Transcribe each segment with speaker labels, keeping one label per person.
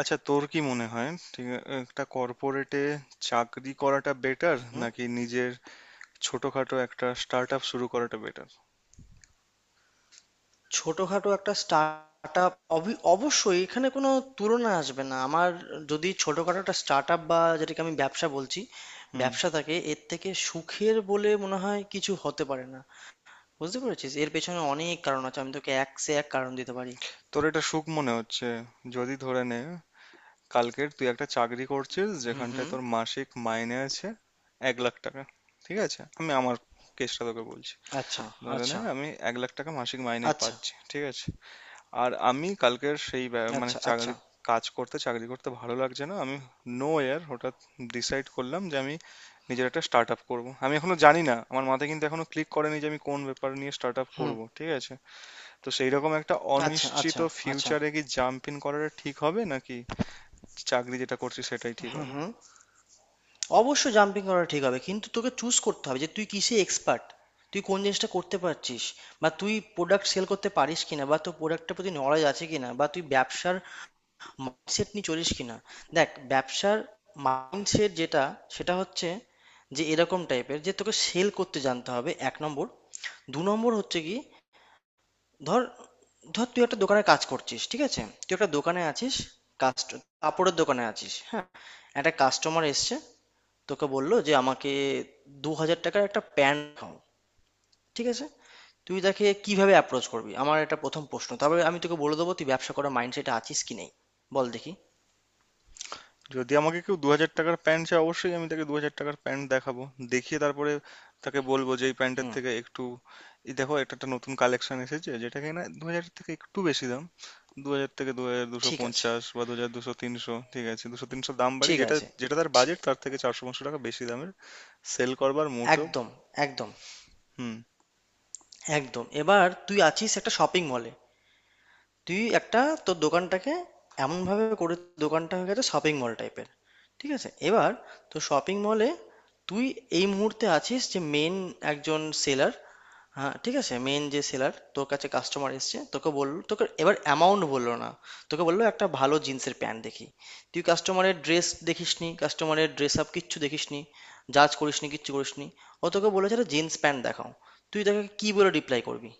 Speaker 1: আচ্ছা, তোর কি মনে হয়, একটা কর্পোরেটে চাকরি করাটা বেটার
Speaker 2: হুম,
Speaker 1: নাকি নিজের ছোটখাটো একটা স্টার্ট আপ শুরু করাটা বেটার?
Speaker 2: ছোটখাটো একটা স্টার্টআপ অবশ্যই এখানে কোনো তুলনা আসবে না। আমার যদি ছোটখাটো একটা স্টার্টআপ বা যেটাকে আমি ব্যবসা বলছি
Speaker 1: হুম।
Speaker 2: ব্যবসা থাকে, এর থেকে সুখের বলে মনে হয় কিছু হতে পারে না। বুঝতে পেরেছিস? এর পেছনে অনেক কারণ আছে, আমি তোকে এক সে এক কারণ দিতে পারি।
Speaker 1: তোর এটা সুখ মনে হচ্ছে? যদি ধরে নে কালকের তুই একটা চাকরি করছিস
Speaker 2: হুম
Speaker 1: যেখানটায়
Speaker 2: হুম।
Speaker 1: তোর মাসিক মাইনে আছে 1,00,000 টাকা। ঠিক আছে, আমি আমার কেসটা তোকে বলছি।
Speaker 2: আচ্ছা
Speaker 1: ধরে নে
Speaker 2: আচ্ছা
Speaker 1: আমি 1,00,000 টাকা মাসিক মাইনে
Speaker 2: আচ্ছা
Speaker 1: পাচ্ছি, ঠিক আছে। আর আমি কালকের সেই মানে
Speaker 2: আচ্ছা আচ্ছা।
Speaker 1: চাকরি কাজ করতে চাকরি করতে ভালো লাগছে না। আমি নো এয়ার হঠাৎ ডিসাইড করলাম যে আমি নিজের একটা স্টার্ট আপ করবো। আমি এখনো জানি না, আমার মাথায় কিন্তু এখনো ক্লিক করেনি যে আমি কোন ব্যাপার নিয়ে স্টার্ট আপ
Speaker 2: হুম।
Speaker 1: করবো, ঠিক আছে। তো সেই রকম একটা
Speaker 2: আচ্ছা
Speaker 1: অনিশ্চিত
Speaker 2: আচ্ছা আচ্ছা।
Speaker 1: ফিউচারে কি জাম্প ইন করাটা ঠিক হবে নাকি চাকরি যেটা করছি সেটাই ঠিক
Speaker 2: হুম
Speaker 1: হবে?
Speaker 2: হুম। অবশ্যই জাম্পিং করা ঠিক হবে, কিন্তু তোকে চুজ করতে হবে যে তুই কিসে এক্সপার্ট, তুই কোন জিনিসটা করতে পারছিস, বা তুই প্রোডাক্ট সেল করতে পারিস কিনা, বা তোর প্রোডাক্টের প্রতি নলেজ আছে কিনা, বা তুই ব্যবসার মাইন্ডসেট নিয়ে চলিস কিনা। দেখ, ব্যবসার মাইন্ডসেট যেটা, সেটা হচ্ছে যে এরকম টাইপের, যে তোকে সেল করতে জানতে হবে, এক নম্বর। দু নম্বর হচ্ছে কি, ধর ধর তুই একটা দোকানে কাজ করছিস, ঠিক আছে, তুই একটা দোকানে আছিস। কাস্ট কাপড়ের দোকানে আছিস, হ্যাঁ। একটা কাস্টমার এসছে, তোকে বললো যে আমাকে 2,000 টাকার একটা প্যান্ট দেখাও, ঠিক আছে। তুই তাকে কিভাবে অ্যাপ্রোচ করবি, আমার এটা প্রথম প্রশ্ন। তারপরে আমি তোকে বলে দেবো তুই ব্যবসা করার মাইন্ডসেটে আছিস কি নেই। বল দেখি।
Speaker 1: যদি আমাকে কেউ 2,000 টাকার প্যান্ট চায়, অবশ্যই আমি তাকে 2,000 টাকার প্যান্ট দেখাবো। দেখিয়ে তারপরে তাকে বলবো যে এই প্যান্টের
Speaker 2: হুম।
Speaker 1: থেকে একটু, এই দেখো এটা একটা নতুন কালেকশন এসেছে যেটা কিনা দু হাজার থেকে একটু বেশি দাম। দু হাজার থেকে দু হাজার দুশো
Speaker 2: ঠিক আছে,
Speaker 1: পঞ্চাশ বা দু হাজার দুশো তিনশো ঠিক আছে, 200-300 দাম বাড়ি
Speaker 2: ঠিক
Speaker 1: যেটা,
Speaker 2: আছে।
Speaker 1: যেটা তার
Speaker 2: ঠি-
Speaker 1: বাজেট তার থেকে 400-500 টাকা বেশি দামের সেল করবার মোটো।
Speaker 2: একদম, একদম,
Speaker 1: হুম।
Speaker 2: একদম। এবার তুই আছিস একটা শপিং মলে। তুই একটা তোর দোকানটাকে এমনভাবে করে দোকানটা হয়ে গেছে শপিং মল টাইপের, ঠিক আছে। এবার তো শপিং মলে তুই এই মুহূর্তে আছিস, যে মেন একজন সেলার। হ্যাঁ ঠিক আছে, মেন যে সেলার, তোর কাছে কাস্টমার এসছে, তোকে বললো, তোকে এবার অ্যামাউন্ট বললো না, তোকে বললো একটা ভালো জিন্সের প্যান্ট দেখি। তুই কাস্টমারের ড্রেস দেখিসনি, কাস্টমারের ড্রেস আপ কিচ্ছু দেখিসনি, জাজ করিসনি, কিচ্ছু করিসনি। ও তোকে বলেছে একটা জিন্স প্যান্ট দেখাও। তুই তাকে কি বলে রিপ্লাই করবি?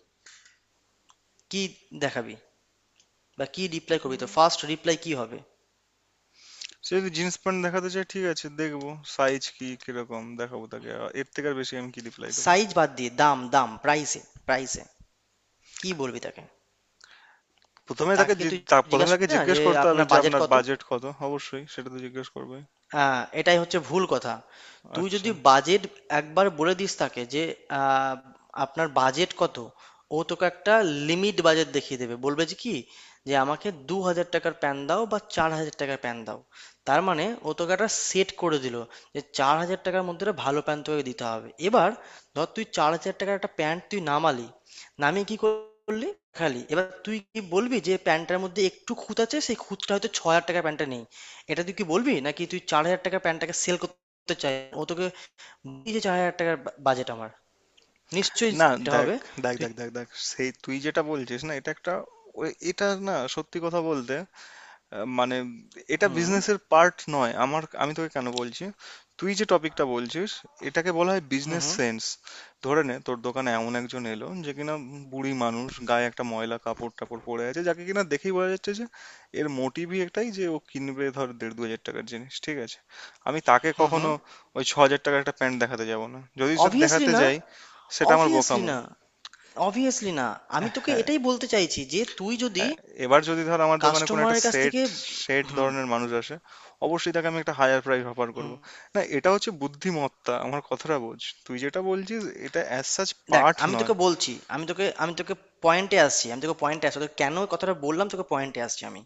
Speaker 2: কি দেখাবি বা কি রিপ্লাই করবি? তো ফার্স্ট রিপ্লাই কি হবে?
Speaker 1: সে যদি জিন্স প্যান্ট দেখাতে চায়, ঠিক আছে দেখবো, সাইজ কি কিরকম দেখাবো তাকে, এর থেকে আর বেশি আমি কি রিপ্লাই দেবো?
Speaker 2: সাইজ বাদ দিয়ে দাম, প্রাইসে, প্রাইসে কি বলবি তাকে?
Speaker 1: প্রথমে তাকে
Speaker 2: তুই
Speaker 1: প্রথমে
Speaker 2: জিজ্ঞাসা
Speaker 1: তাকে
Speaker 2: করবি না
Speaker 1: জিজ্ঞেস
Speaker 2: যে
Speaker 1: করতে হবে
Speaker 2: আপনার
Speaker 1: যে
Speaker 2: বাজেট
Speaker 1: আপনার
Speaker 2: কত।
Speaker 1: বাজেট কত, অবশ্যই সেটা তো জিজ্ঞেস করবে।
Speaker 2: হ্যাঁ, এটাই হচ্ছে ভুল কথা। তুই
Speaker 1: আচ্ছা,
Speaker 2: যদি বাজেট একবার বলে দিস তাকে যে আহ, আপনার বাজেট কত, ও তোকে একটা লিমিট বাজেট দেখিয়ে দেবে, বলবে যে কি, যে আমাকে দু হাজার টাকার প্যান দাও বা 4,000 টাকার প্যান দাও। তার মানে ও তোকে একটা সেট করে দিল, যে চার হাজার টাকার মধ্যে একটা ভালো প্যান্ট তোকে দিতে হবে। এবার ধর তুই চার হাজার টাকার একটা প্যান্ট তুই নামালি, নামিয়ে কি করলি? খালি এবার তুই কি বলবি যে প্যান্টটার মধ্যে একটু খুঁত আছে, সেই খুঁতটা হয়তো 6,000 টাকার প্যান্টটা নেই? এটা তুই কি বলবি, নাকি তুই চার হাজার টাকার প্যান্টটাকে সেল করতে চাই? ও তোকে বললি যে চার হাজার টাকার বাজেট আমার, নিশ্চয়ই
Speaker 1: না,
Speaker 2: সেটা
Speaker 1: দেখ
Speaker 2: হবে।
Speaker 1: দেখ
Speaker 2: তুই।
Speaker 1: দেখ দেখ দেখ সেই তুই যেটা বলছিস না এটা একটা, এটা না, সত্যি কথা বলতে, মানে এটা
Speaker 2: হুম
Speaker 1: বিজনেসের পার্ট নয়। আমার আমি তোকে কেন বলছি, তুই যে টপিকটা বলছিস এটাকে বলা হয়
Speaker 2: হুম
Speaker 1: বিজনেস
Speaker 2: হুম
Speaker 1: সেন্স। ধরে নে তোর দোকানে এমন একজন এলো যে কিনা বুড়ি মানুষ, গায়ে একটা ময়লা কাপড় টাপড় পরে আছে, যাকে কিনা দেখেই বোঝা যাচ্ছে যে এর মোটিভই একটাই যে ও কিনবে ধর 1,500-2,000 টাকার জিনিস, ঠিক আছে। আমি তাকে
Speaker 2: হুম
Speaker 1: কখনো
Speaker 2: হুম।
Speaker 1: ওই 6,000 টাকার একটা প্যান্ট দেখাতে যাব না, যদি সে
Speaker 2: অবভিয়াসলি
Speaker 1: দেখাতে
Speaker 2: না,
Speaker 1: যাই সেটা আমার
Speaker 2: অবভিয়াসলি
Speaker 1: বোকামো।
Speaker 2: না, অবভিয়াসলি না। আমি তোকে
Speaker 1: হ্যাঁ,
Speaker 2: এটাই বলতে চাইছি যে তুই যদি
Speaker 1: হ্যাঁ। এবার যদি ধর আমার দোকানে কোনো একটা
Speaker 2: কাস্টমারের কাছ
Speaker 1: সেট,
Speaker 2: থেকে।
Speaker 1: সেট
Speaker 2: হুম
Speaker 1: ধরনের মানুষ আসে, অবশ্যই তাকে আমি একটা হায়ার প্রাইস অফার করব।
Speaker 2: হুম।
Speaker 1: না, এটা হচ্ছে বুদ্ধিমত্তা, আমার কথাটা বোঝ। তুই যেটা বলছিস এটা অ্যাজ সাচ
Speaker 2: দেখ
Speaker 1: পার্ট
Speaker 2: আমি
Speaker 1: নয়।
Speaker 2: তোকে বলছি, আমি তোকে পয়েন্টে আসছি, আমি তোকে পয়েন্টে আসছি, তোকে কেন এই কথাটা বললাম, তোকে পয়েন্টে আসছি আমি।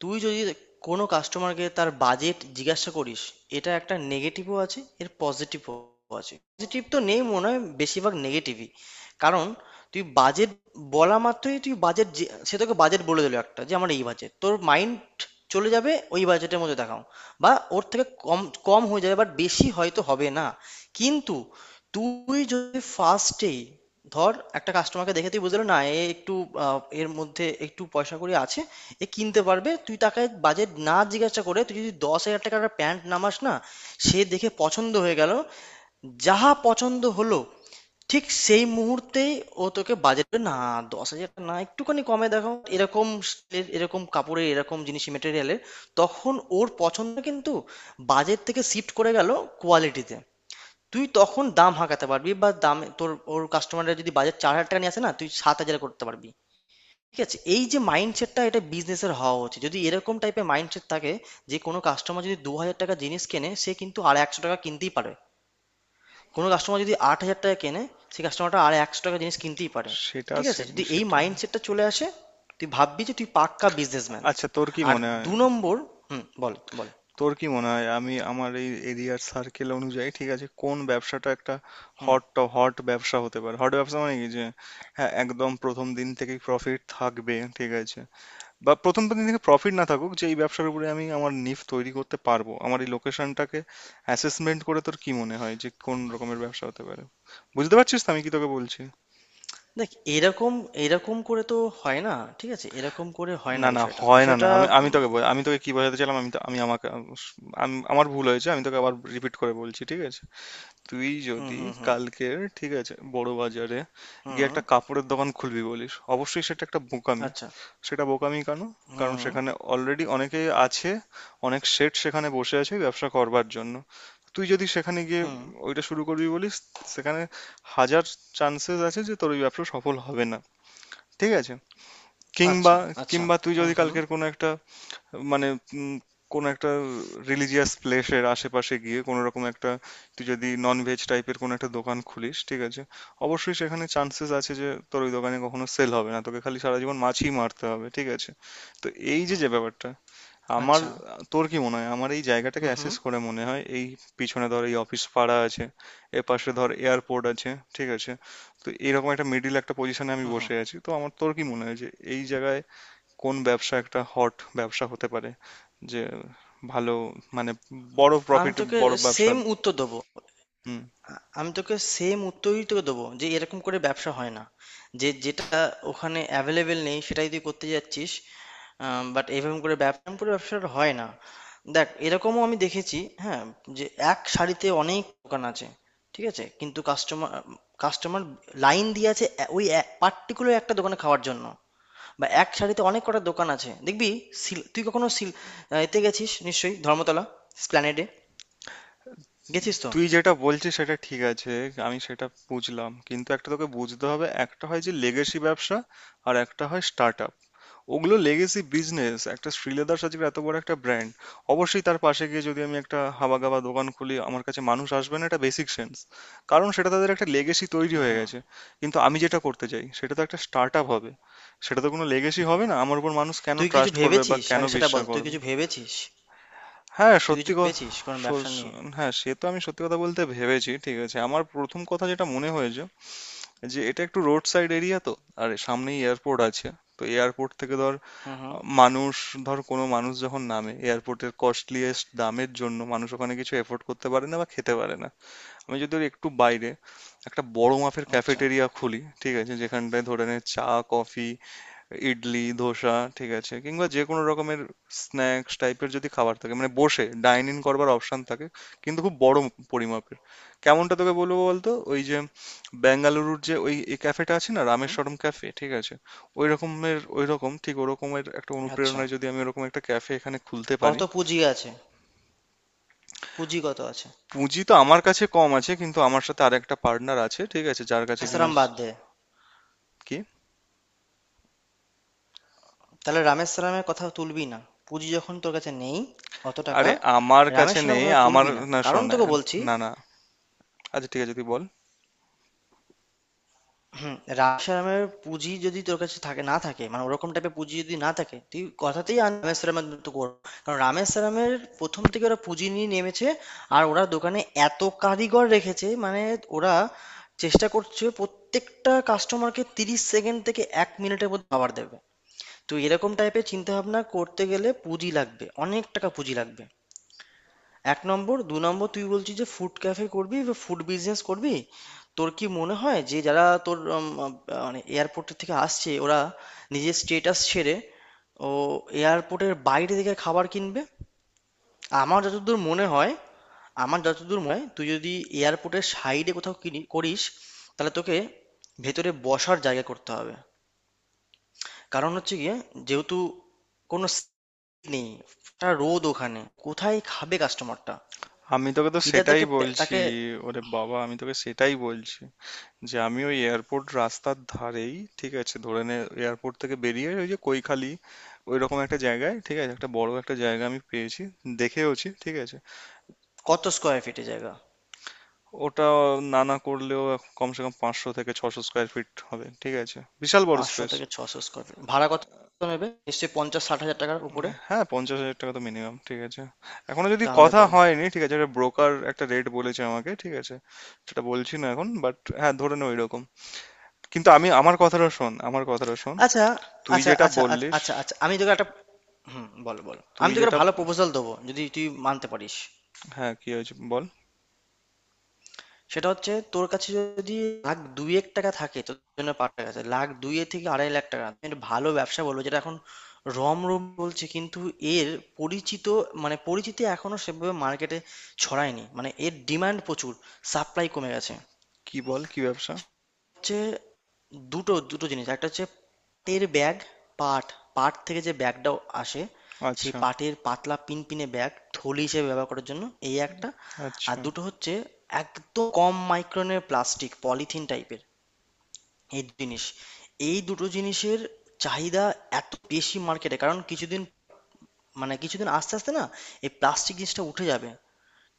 Speaker 2: তুই যদি কোনো কাস্টমারকে তার বাজেট জিজ্ঞাসা করিস, এটা একটা নেগেটিভও আছে, এর পজিটিভও আছে। পজিটিভ তো নেই মনে হয়, বেশিরভাগ নেগেটিভই। কারণ তুই বাজেট বলা মাত্রই, তুই বাজেট, সে তোকে বাজেট বলে দিল একটা যে আমার এই বাজেট, তোর মাইন্ড চলে যাবে ওই বাজেটের মধ্যে দেখাও বা ওর থেকে কম, কম হয়ে যাবে, বাট বেশি হয়তো হবে না। কিন্তু তুই যদি ফার্স্টেই ধর একটা কাস্টমারকে দেখে তুই বুঝলো না এ একটু, এর মধ্যে একটু পয়সা কড়ি আছে, এ কিনতে পারবে, তুই তাকে বাজেট না জিজ্ঞাসা করে তুই যদি 10,000 টাকার একটা প্যান্ট নামাস না, সে দেখে পছন্দ হয়ে গেল, যাহা পছন্দ হলো, ঠিক সেই মুহূর্তেই ও তোকে বাজেটে না, 10,000 টা না, একটুখানি কমে দেখো এরকম স্টিলের এরকম কাপড়ের এরকম জিনিস মেটেরিয়ালের, তখন ওর পছন্দ কিন্তু বাজেট থেকে শিফট করে গেল কোয়ালিটিতে। তুই তখন দাম হাঁকাতে পারবি, বা দাম তোর, ওর কাস্টমাররা যদি বাজেট 4,000 টাকা নিয়ে আসে না, তুই 7,000 করতে পারবি, ঠিক আছে। এই যে মাইন্ডসেটটা, এটা বিজনেসের হওয়া উচিত। যদি এরকম টাইপের মাইন্ডসেট থাকে, যে কোনো কাস্টমার যদি দু হাজার টাকা জিনিস কেনে, সে কিন্তু আর একশো টাকা কিনতেই পারে। কোনো কাস্টমার যদি 8,000 টাকায় কেনে, সেই কাস্টমারটা আর একশো টাকা জিনিস কিনতেই পারে। ঠিক আছে, যদি এই
Speaker 1: সেটা।
Speaker 2: মাইন্ডসেটটা চলে আসে, তুই ভাববি যে তুই পাক্কা বিজনেসম্যান।
Speaker 1: আচ্ছা, তোর কি
Speaker 2: আর
Speaker 1: মনে হয়,
Speaker 2: দু নম্বর। হুম বল বল।
Speaker 1: তোর কি মনে হয় আমি আমার এই এরিয়ার সার্কেল অনুযায়ী, ঠিক আছে, কোন ব্যবসাটা একটা
Speaker 2: হুম।
Speaker 1: হট হট ব্যবসা হতে পারে? হট ব্যবসা মানে কি, যে হ্যাঁ, একদম প্রথম দিন থেকেই প্রফিট থাকবে, ঠিক আছে, বা প্রথম দিন থেকে প্রফিট না থাকুক যে এই ব্যবসার উপরে আমি আমার নিফ তৈরি করতে পারবো। আমার এই লোকেশনটাকে অ্যাসেসমেন্ট করে তোর কি মনে হয় যে কোন রকমের ব্যবসা হতে পারে? বুঝতে পারছিস তো আমি কি তোকে বলছি?
Speaker 2: দেখ এরকম, এরকম করে তো হয় না। ঠিক আছে, এরকম করে হয় না।
Speaker 1: না, না
Speaker 2: বিষয়টা,
Speaker 1: হয় না। না, আমি আমি
Speaker 2: উম,
Speaker 1: তোকে আমি তোকে কি বোঝাতে চাইলাম, আমি আমি আমাকে, আমি, আমার ভুল হয়েছে। আমি তোকে আবার রিপিট করে বলছি, ঠিক আছে। তুই
Speaker 2: হুম
Speaker 1: যদি
Speaker 2: হুম হুম
Speaker 1: কালকের, ঠিক আছে, বড় বাজারে গিয়ে
Speaker 2: হুম।
Speaker 1: একটা কাপড়ের দোকান খুলবি বলিস, অবশ্যই সেটা একটা বোকামি।
Speaker 2: আচ্ছা।
Speaker 1: সেটা বোকামি কেন?
Speaker 2: হুম
Speaker 1: কারণ
Speaker 2: হুম
Speaker 1: সেখানে অলরেডি অনেকেই আছে, অনেক শেঠ সেখানে বসে আছে ব্যবসা করবার জন্য। তুই যদি সেখানে গিয়ে
Speaker 2: হুম।
Speaker 1: ওইটা শুরু করবি বলিস, সেখানে হাজার চান্সেস আছে যে তোর ওই ব্যবসা সফল হবে না, ঠিক আছে। কিংবা,
Speaker 2: আচ্ছা আচ্ছা।
Speaker 1: কিংবা তুই
Speaker 2: হুম
Speaker 1: যদি
Speaker 2: হুম।
Speaker 1: কালকের কোনো একটা মানে, উম, কোনো একটা রিলিজিয়াস প্লেসের আশেপাশে গিয়ে কোনো রকম একটা, তুই যদি নন ভেজ টাইপের কোনো একটা দোকান খুলিস, ঠিক আছে, অবশ্যই সেখানে চান্সেস আছে যে তোর ওই দোকানে কখনো সেল হবে না, তোকে খালি সারা জীবন মাছই মারতে হবে, ঠিক আছে। তো এই যে যে ব্যাপারটা আমার,
Speaker 2: আচ্ছা।
Speaker 1: তোর কি মনে হয় আমার এই জায়গাটাকে
Speaker 2: হুম হুম
Speaker 1: অ্যাসেস করে মনে হয়, এই পিছনে ধর এই অফিস পাড়া আছে, এর পাশে ধর এয়ারপোর্ট আছে, ঠিক আছে। তো এরকম একটা মিডিল একটা পজিশনে আমি
Speaker 2: হুম হুম।
Speaker 1: বসে আছি, তো আমার তোর কি মনে হয় যে এই জায়গায় কোন ব্যবসা একটা হট ব্যবসা হতে পারে, যে ভালো, মানে বড়
Speaker 2: আমি
Speaker 1: প্রফিট,
Speaker 2: তোকে
Speaker 1: বড় ব্যবসা?
Speaker 2: সেম উত্তর দেবো।
Speaker 1: হুম।
Speaker 2: আমি তোকে সেম উত্তরই তোকে দেবো যে এরকম করে ব্যবসা হয় না। যে যেটা ওখানে অ্যাভেলেবেল নেই, সেটাই তুই করতে যাচ্ছিস। বাট এরকম করে ব্যবসা, এরকম করে ব্যবসাটা হয় না। দেখ, এরকমও আমি দেখেছি, হ্যাঁ, যে এক শাড়িতে অনেক দোকান আছে, ঠিক আছে, কিন্তু কাস্টমার, কাস্টমার লাইন দিয়ে আছে ওই পার্টিকুলার একটা দোকানে খাওয়ার জন্য। বা এক শাড়িতে অনেক কটা দোকান আছে দেখবি। তুই কখনো সিল, এতে গেছিস? নিশ্চয়ই ধর্মতলা স্প্ল্যানেডে গেছিস তো?
Speaker 1: তুই যেটা বলছিস সেটা ঠিক আছে, আমি সেটা বুঝলাম। কিন্তু একটা তোকে বুঝতে হবে, একটা হয় যে লেগেসি ব্যবসা, আর একটা হয় স্টার্ট। ওগুলো লেগেসি বিজনেস। একটা শ্রীলেদার সাজির এত বড় একটা ব্র্যান্ড, অবশ্যই তার পাশে গিয়ে যদি আমি একটা হাবাগাবা দোকান খুলি আমার কাছে মানুষ আসবে না, এটা বেসিক সেন্স। কারণ সেটা তাদের একটা লেগেসি তৈরি হয়ে গেছে। কিন্তু আমি যেটা করতে চাই সেটা তো একটা স্টার্ট আপ হবে, সেটা তো কোনো লেগেসি হবে না। আমার উপর মানুষ কেন
Speaker 2: তুই কিছু
Speaker 1: ট্রাস্ট করবে বা
Speaker 2: ভেবেছিস?
Speaker 1: কেন
Speaker 2: আগে সেটা বল।
Speaker 1: বিশ্বাস
Speaker 2: তুই
Speaker 1: করবে?
Speaker 2: কিছু ভেবেছিস?
Speaker 1: হ্যাঁ,
Speaker 2: তুই
Speaker 1: সত্যি
Speaker 2: কিছু ভেবেছিস কোনো
Speaker 1: স-
Speaker 2: ব্যবসা
Speaker 1: স-
Speaker 2: নিয়ে?
Speaker 1: হ্যাঁ, সে তো আমি সত্যি কথা বলতে ভেবেছি, ঠিক আছে। আমার প্রথম কথা যেটা মনে হয়েছে যে এটা একটু রোড সাইড এরিয়া তো, আর সামনেই এয়ারপোর্ট আছে। তো এয়ারপোর্ট থেকে ধর,
Speaker 2: হুম হুম।
Speaker 1: মানুষ, ধর কোনো মানুষ যখন নামে, এয়ারপোর্টের কস্টলিয়েস্ট দামের জন্য মানুষ ওখানে কিছু এফোর্ড করতে পারে না বা খেতে পারে না। আমি যদি ওর একটু বাইরে একটা বড় মাপের
Speaker 2: আচ্ছা।
Speaker 1: ক্যাফেটেরিয়া খুলি, ঠিক আছে, যেখানটায় ধরে নে চা, কফি, ইডলি, ধোসা, ঠিক আছে, কিংবা যে কোনো রকমের স্ন্যাক্স টাইপের যদি খাবার থাকে, মানে বসে ডাইন ইন করবার অপশন থাকে, কিন্তু খুব বড় পরিমাপের। কেমনটা তোকে বলবো বলতো, ওই যে বেঙ্গালুরুর যে ওই এই ক্যাফেটা আছে না,
Speaker 2: হুম।
Speaker 1: রামেশ্বরম ক্যাফে, ঠিক আছে, ওই রকমের, ওই রকম ঠিক ওরকমের একটা
Speaker 2: আচ্ছা।
Speaker 1: অনুপ্রেরণায় যদি আমি ওরকম একটা ক্যাফে এখানে খুলতে পারি।
Speaker 2: কত পুঁজি আছে? পুঁজি কত আছে?
Speaker 1: পুঁজি তো আমার কাছে কম আছে, কিন্তু আমার সাথে আরেকটা পার্টনার আছে, ঠিক আছে, যার কাছে কিনা।
Speaker 2: রামেশ্বরম বাদ দে।
Speaker 1: কি?
Speaker 2: তাহলে রামেশ্বরমের কথা তুলবি না। পুঁজি যখন তোর কাছে নেই অত টাকা।
Speaker 1: আরে, আমার কাছে
Speaker 2: রামেশ্বরমের
Speaker 1: নেই,
Speaker 2: কথা
Speaker 1: আমার।
Speaker 2: তুলবি না,
Speaker 1: না,
Speaker 2: কারণ
Speaker 1: শোন,
Speaker 2: তোকে বলছি।
Speaker 1: না, না, আচ্ছা, ঠিক আছে তুই বল।
Speaker 2: হুম। রামেশ্বরমের পুঁজি যদি তোর কাছে থাকে, না থাকে মানে ওরকম টাইপের পুঁজি যদি না থাকে, তুই কথাতেই আন রামেশ্বরমের মতো করবো। কারণ রামেশ্বরমের প্রথম থেকে ওরা পুঁজি নিয়ে নেমেছে, আর ওরা দোকানে এত কারিগর রেখেছে মানে ওরা চেষ্টা করছে প্রত্যেকটা কাস্টমারকে 30 সেকেন্ড থেকে এক মিনিটের মধ্যে খাবার দেবে। তো এরকম টাইপের চিন্তা ভাবনা করতে গেলে পুঁজি লাগবে, অনেক টাকা পুঁজি লাগবে। এক নম্বর। দু নম্বর, তুই বলছিস যে ফুড ক্যাফে করবি বা ফুড বিজনেস করবি। তোর কি মনে হয় যে যারা তোর, মানে এয়ারপোর্ট থেকে আসছে, ওরা নিজের স্টেটাস ছেড়ে ও এয়ারপোর্টের বাইরে থেকে খাবার কিনবে? আমার যতদূর মনে হয়, আমার যতদূর মনে হয় তুই যদি এয়ারপোর্টের সাইডে কোথাও কিনি করিস, তাহলে তোকে ভেতরে বসার জায়গা করতে হবে। কারণ হচ্ছে গিয়ে, যেহেতু কোনো seat নেই, একটা রোদ ওখানে, কোথায় খাবে কাস্টমারটা?
Speaker 1: আমি তোকে তো
Speaker 2: ইদার
Speaker 1: সেটাই
Speaker 2: তাকে
Speaker 1: বলছি।
Speaker 2: তাকে।
Speaker 1: ওরে বাবা, আমি তোকে সেটাই বলছি যে আমি ওই এয়ারপোর্ট রাস্তার ধারেই, ঠিক আছে, ধরে নে এয়ারপোর্ট থেকে বেরিয়ে ওই যে কৈখালি, ওই রকম একটা জায়গায়, ঠিক আছে, একটা বড় একটা জায়গা আমি পেয়েছি, দেখেওছি, ঠিক আছে।
Speaker 2: কত স্কোয়ার ফিটে জায়গা?
Speaker 1: ওটা না না করলেও কমসে কম 500 থেকে 600 স্কোয়ার ফিট হবে, ঠিক আছে, বিশাল বড়
Speaker 2: পাঁচশো
Speaker 1: স্পেস।
Speaker 2: থেকে ছশো স্কোয়ার ফিট ভাড়া কত নেবে? নিশ্চয়ই 50-60 হাজার টাকার উপরে।
Speaker 1: হ্যাঁ, 50,000 টাকা তো মিনিমাম, ঠিক আছে। এখনো যদি
Speaker 2: তাহলে
Speaker 1: কথা
Speaker 2: বল।
Speaker 1: হয়নি, ঠিক আছে, একটা ব্রোকার একটা রেট বলেছে আমাকে, ঠিক আছে। সেটা বলছি না এখন, বাট হ্যাঁ ধরে নে ওই রকম। কিন্তু আমি আমার কথাটা শোন, আমার কথাটা শোন।
Speaker 2: আচ্ছা
Speaker 1: তুই
Speaker 2: আচ্ছা
Speaker 1: যেটা
Speaker 2: আচ্ছা আচ্ছা
Speaker 1: বললিস,
Speaker 2: আচ্ছা আচ্ছা, আমি তোকে একটা। হুম বল বল,
Speaker 1: তুই
Speaker 2: আমি তোকে
Speaker 1: যেটা,
Speaker 2: একটা ভালো প্রপোজাল দেবো যদি তুই মানতে পারিস।
Speaker 1: হ্যাঁ, কি হয়েছে বল।
Speaker 2: সেটা হচ্ছে, তোর কাছে যদি লাখ দুয়েক টাকা থাকে, তোর জন্য পাঠার কাছে লাখ দুয়ে থেকে 2.5 লাখ টাকা, তুমি একটা ভালো ব্যবসা বলবো যেটা এখন রমরম বলছে, কিন্তু এর পরিচিত, মানে পরিচিতি এখনো সেভাবে মার্কেটে ছড়ায়নি, মানে এর ডিমান্ড প্রচুর, সাপ্লাই কমে গেছে।
Speaker 1: কি বল, কি ব্যবসা?
Speaker 2: হচ্ছে দুটো, দুটো জিনিস। একটা হচ্ছে পাটের ব্যাগ, পাট, পাট থেকে যে ব্যাগটা আসে, সেই
Speaker 1: আচ্ছা,
Speaker 2: পাটের পাতলা পিনপিনে ব্যাগ, থলি হিসেবে ব্যবহার করার জন্য, এই একটা। আর
Speaker 1: আচ্ছা,
Speaker 2: দুটো হচ্ছে একদম কম মাইক্রনের প্লাস্টিক পলিথিন টাইপের। এই দু জিনিস, এই দুটো জিনিসের চাহিদা এত বেশি মার্কেটে। কারণ কিছুদিন, মানে আস্তে আস্তে না এই প্লাস্টিক জিনিসটা উঠে যাবে,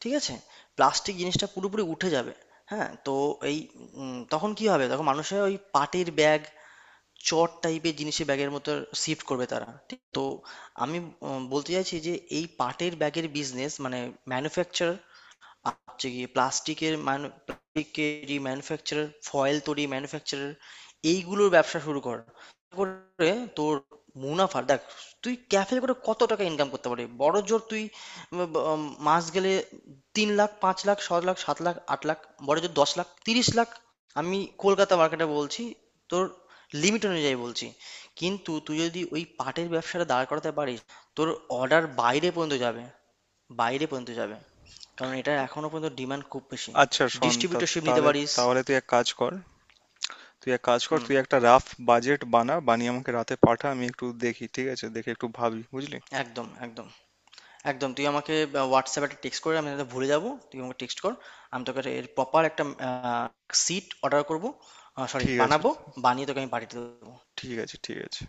Speaker 2: ঠিক আছে। প্লাস্টিক জিনিসটা পুরোপুরি উঠে যাবে, হ্যাঁ। তো এই তখন কি হবে? তখন মানুষের ওই পাটের ব্যাগ, চট টাইপের জিনিসে, ব্যাগের মতো শিফট করবে তারা, ঠিক তো? আমি বলতে চাইছি যে এই পাটের ব্যাগের বিজনেস মানে ম্যানুফ্যাকচার, হচ্ছে গিয়ে প্লাস্টিকের মান, প্লাস্টিকের যে ম্যানুফ্যাকচারার, ফয়েল তৈরি ম্যানুফ্যাকচারার, এইগুলোর ব্যবসা শুরু কর, করে তোর মুনাফা দেখ। তুই ক্যাফে করে কত টাকা ইনকাম করতে পারবি? বড় জোর তুই উম, ব- উম, মাস গেলে তিন লাখ, পাঁচ লাখ, ছ লাখ, সাত লাখ, আট লাখ, বড় জোর দশ লাখ, 30 লাখ। আমি কলকাতা মার্কেটে বলছি, তোর লিমিট অনুযায়ী বলছি। কিন্তু তুই যদি ওই পাটের ব্যবসাটা দাঁড় করাতে পারিস, তোর অর্ডার বাইরে পর্যন্ত যাবে, বাইরে পর্যন্ত যাবে। কারণ এটার এখনো পর্যন্ত ডিমান্ড খুব বেশি।
Speaker 1: আচ্ছা শোন,
Speaker 2: ডিস্ট্রিবিউটরশিপ নিতে
Speaker 1: তাহলে,
Speaker 2: পারিস।
Speaker 1: তাহলে তুই এক কাজ কর, তুই এক কাজ কর,
Speaker 2: হুম।
Speaker 1: তুই একটা রাফ বাজেট বানা, বানিয়ে আমাকে রাতে পাঠা, আমি একটু দেখি, ঠিক আছে, দেখে একটু ভাবি, বুঝলি।
Speaker 2: একদম, একদম, একদম। তুই আমাকে হোয়াটসঅ্যাপে একটা টেক্সট করে, আমি এটা ভুলে যাবো, তুই আমাকে টেক্সট কর। আমি তোকে এর প্রপার একটা সিট অর্ডার করবো, সরি
Speaker 1: ঠিক আছে,
Speaker 2: বানাবো, বানিয়ে তোকে আমি পাঠিয়ে দেবো।
Speaker 1: ঠিক আছে, ঠিক আছে।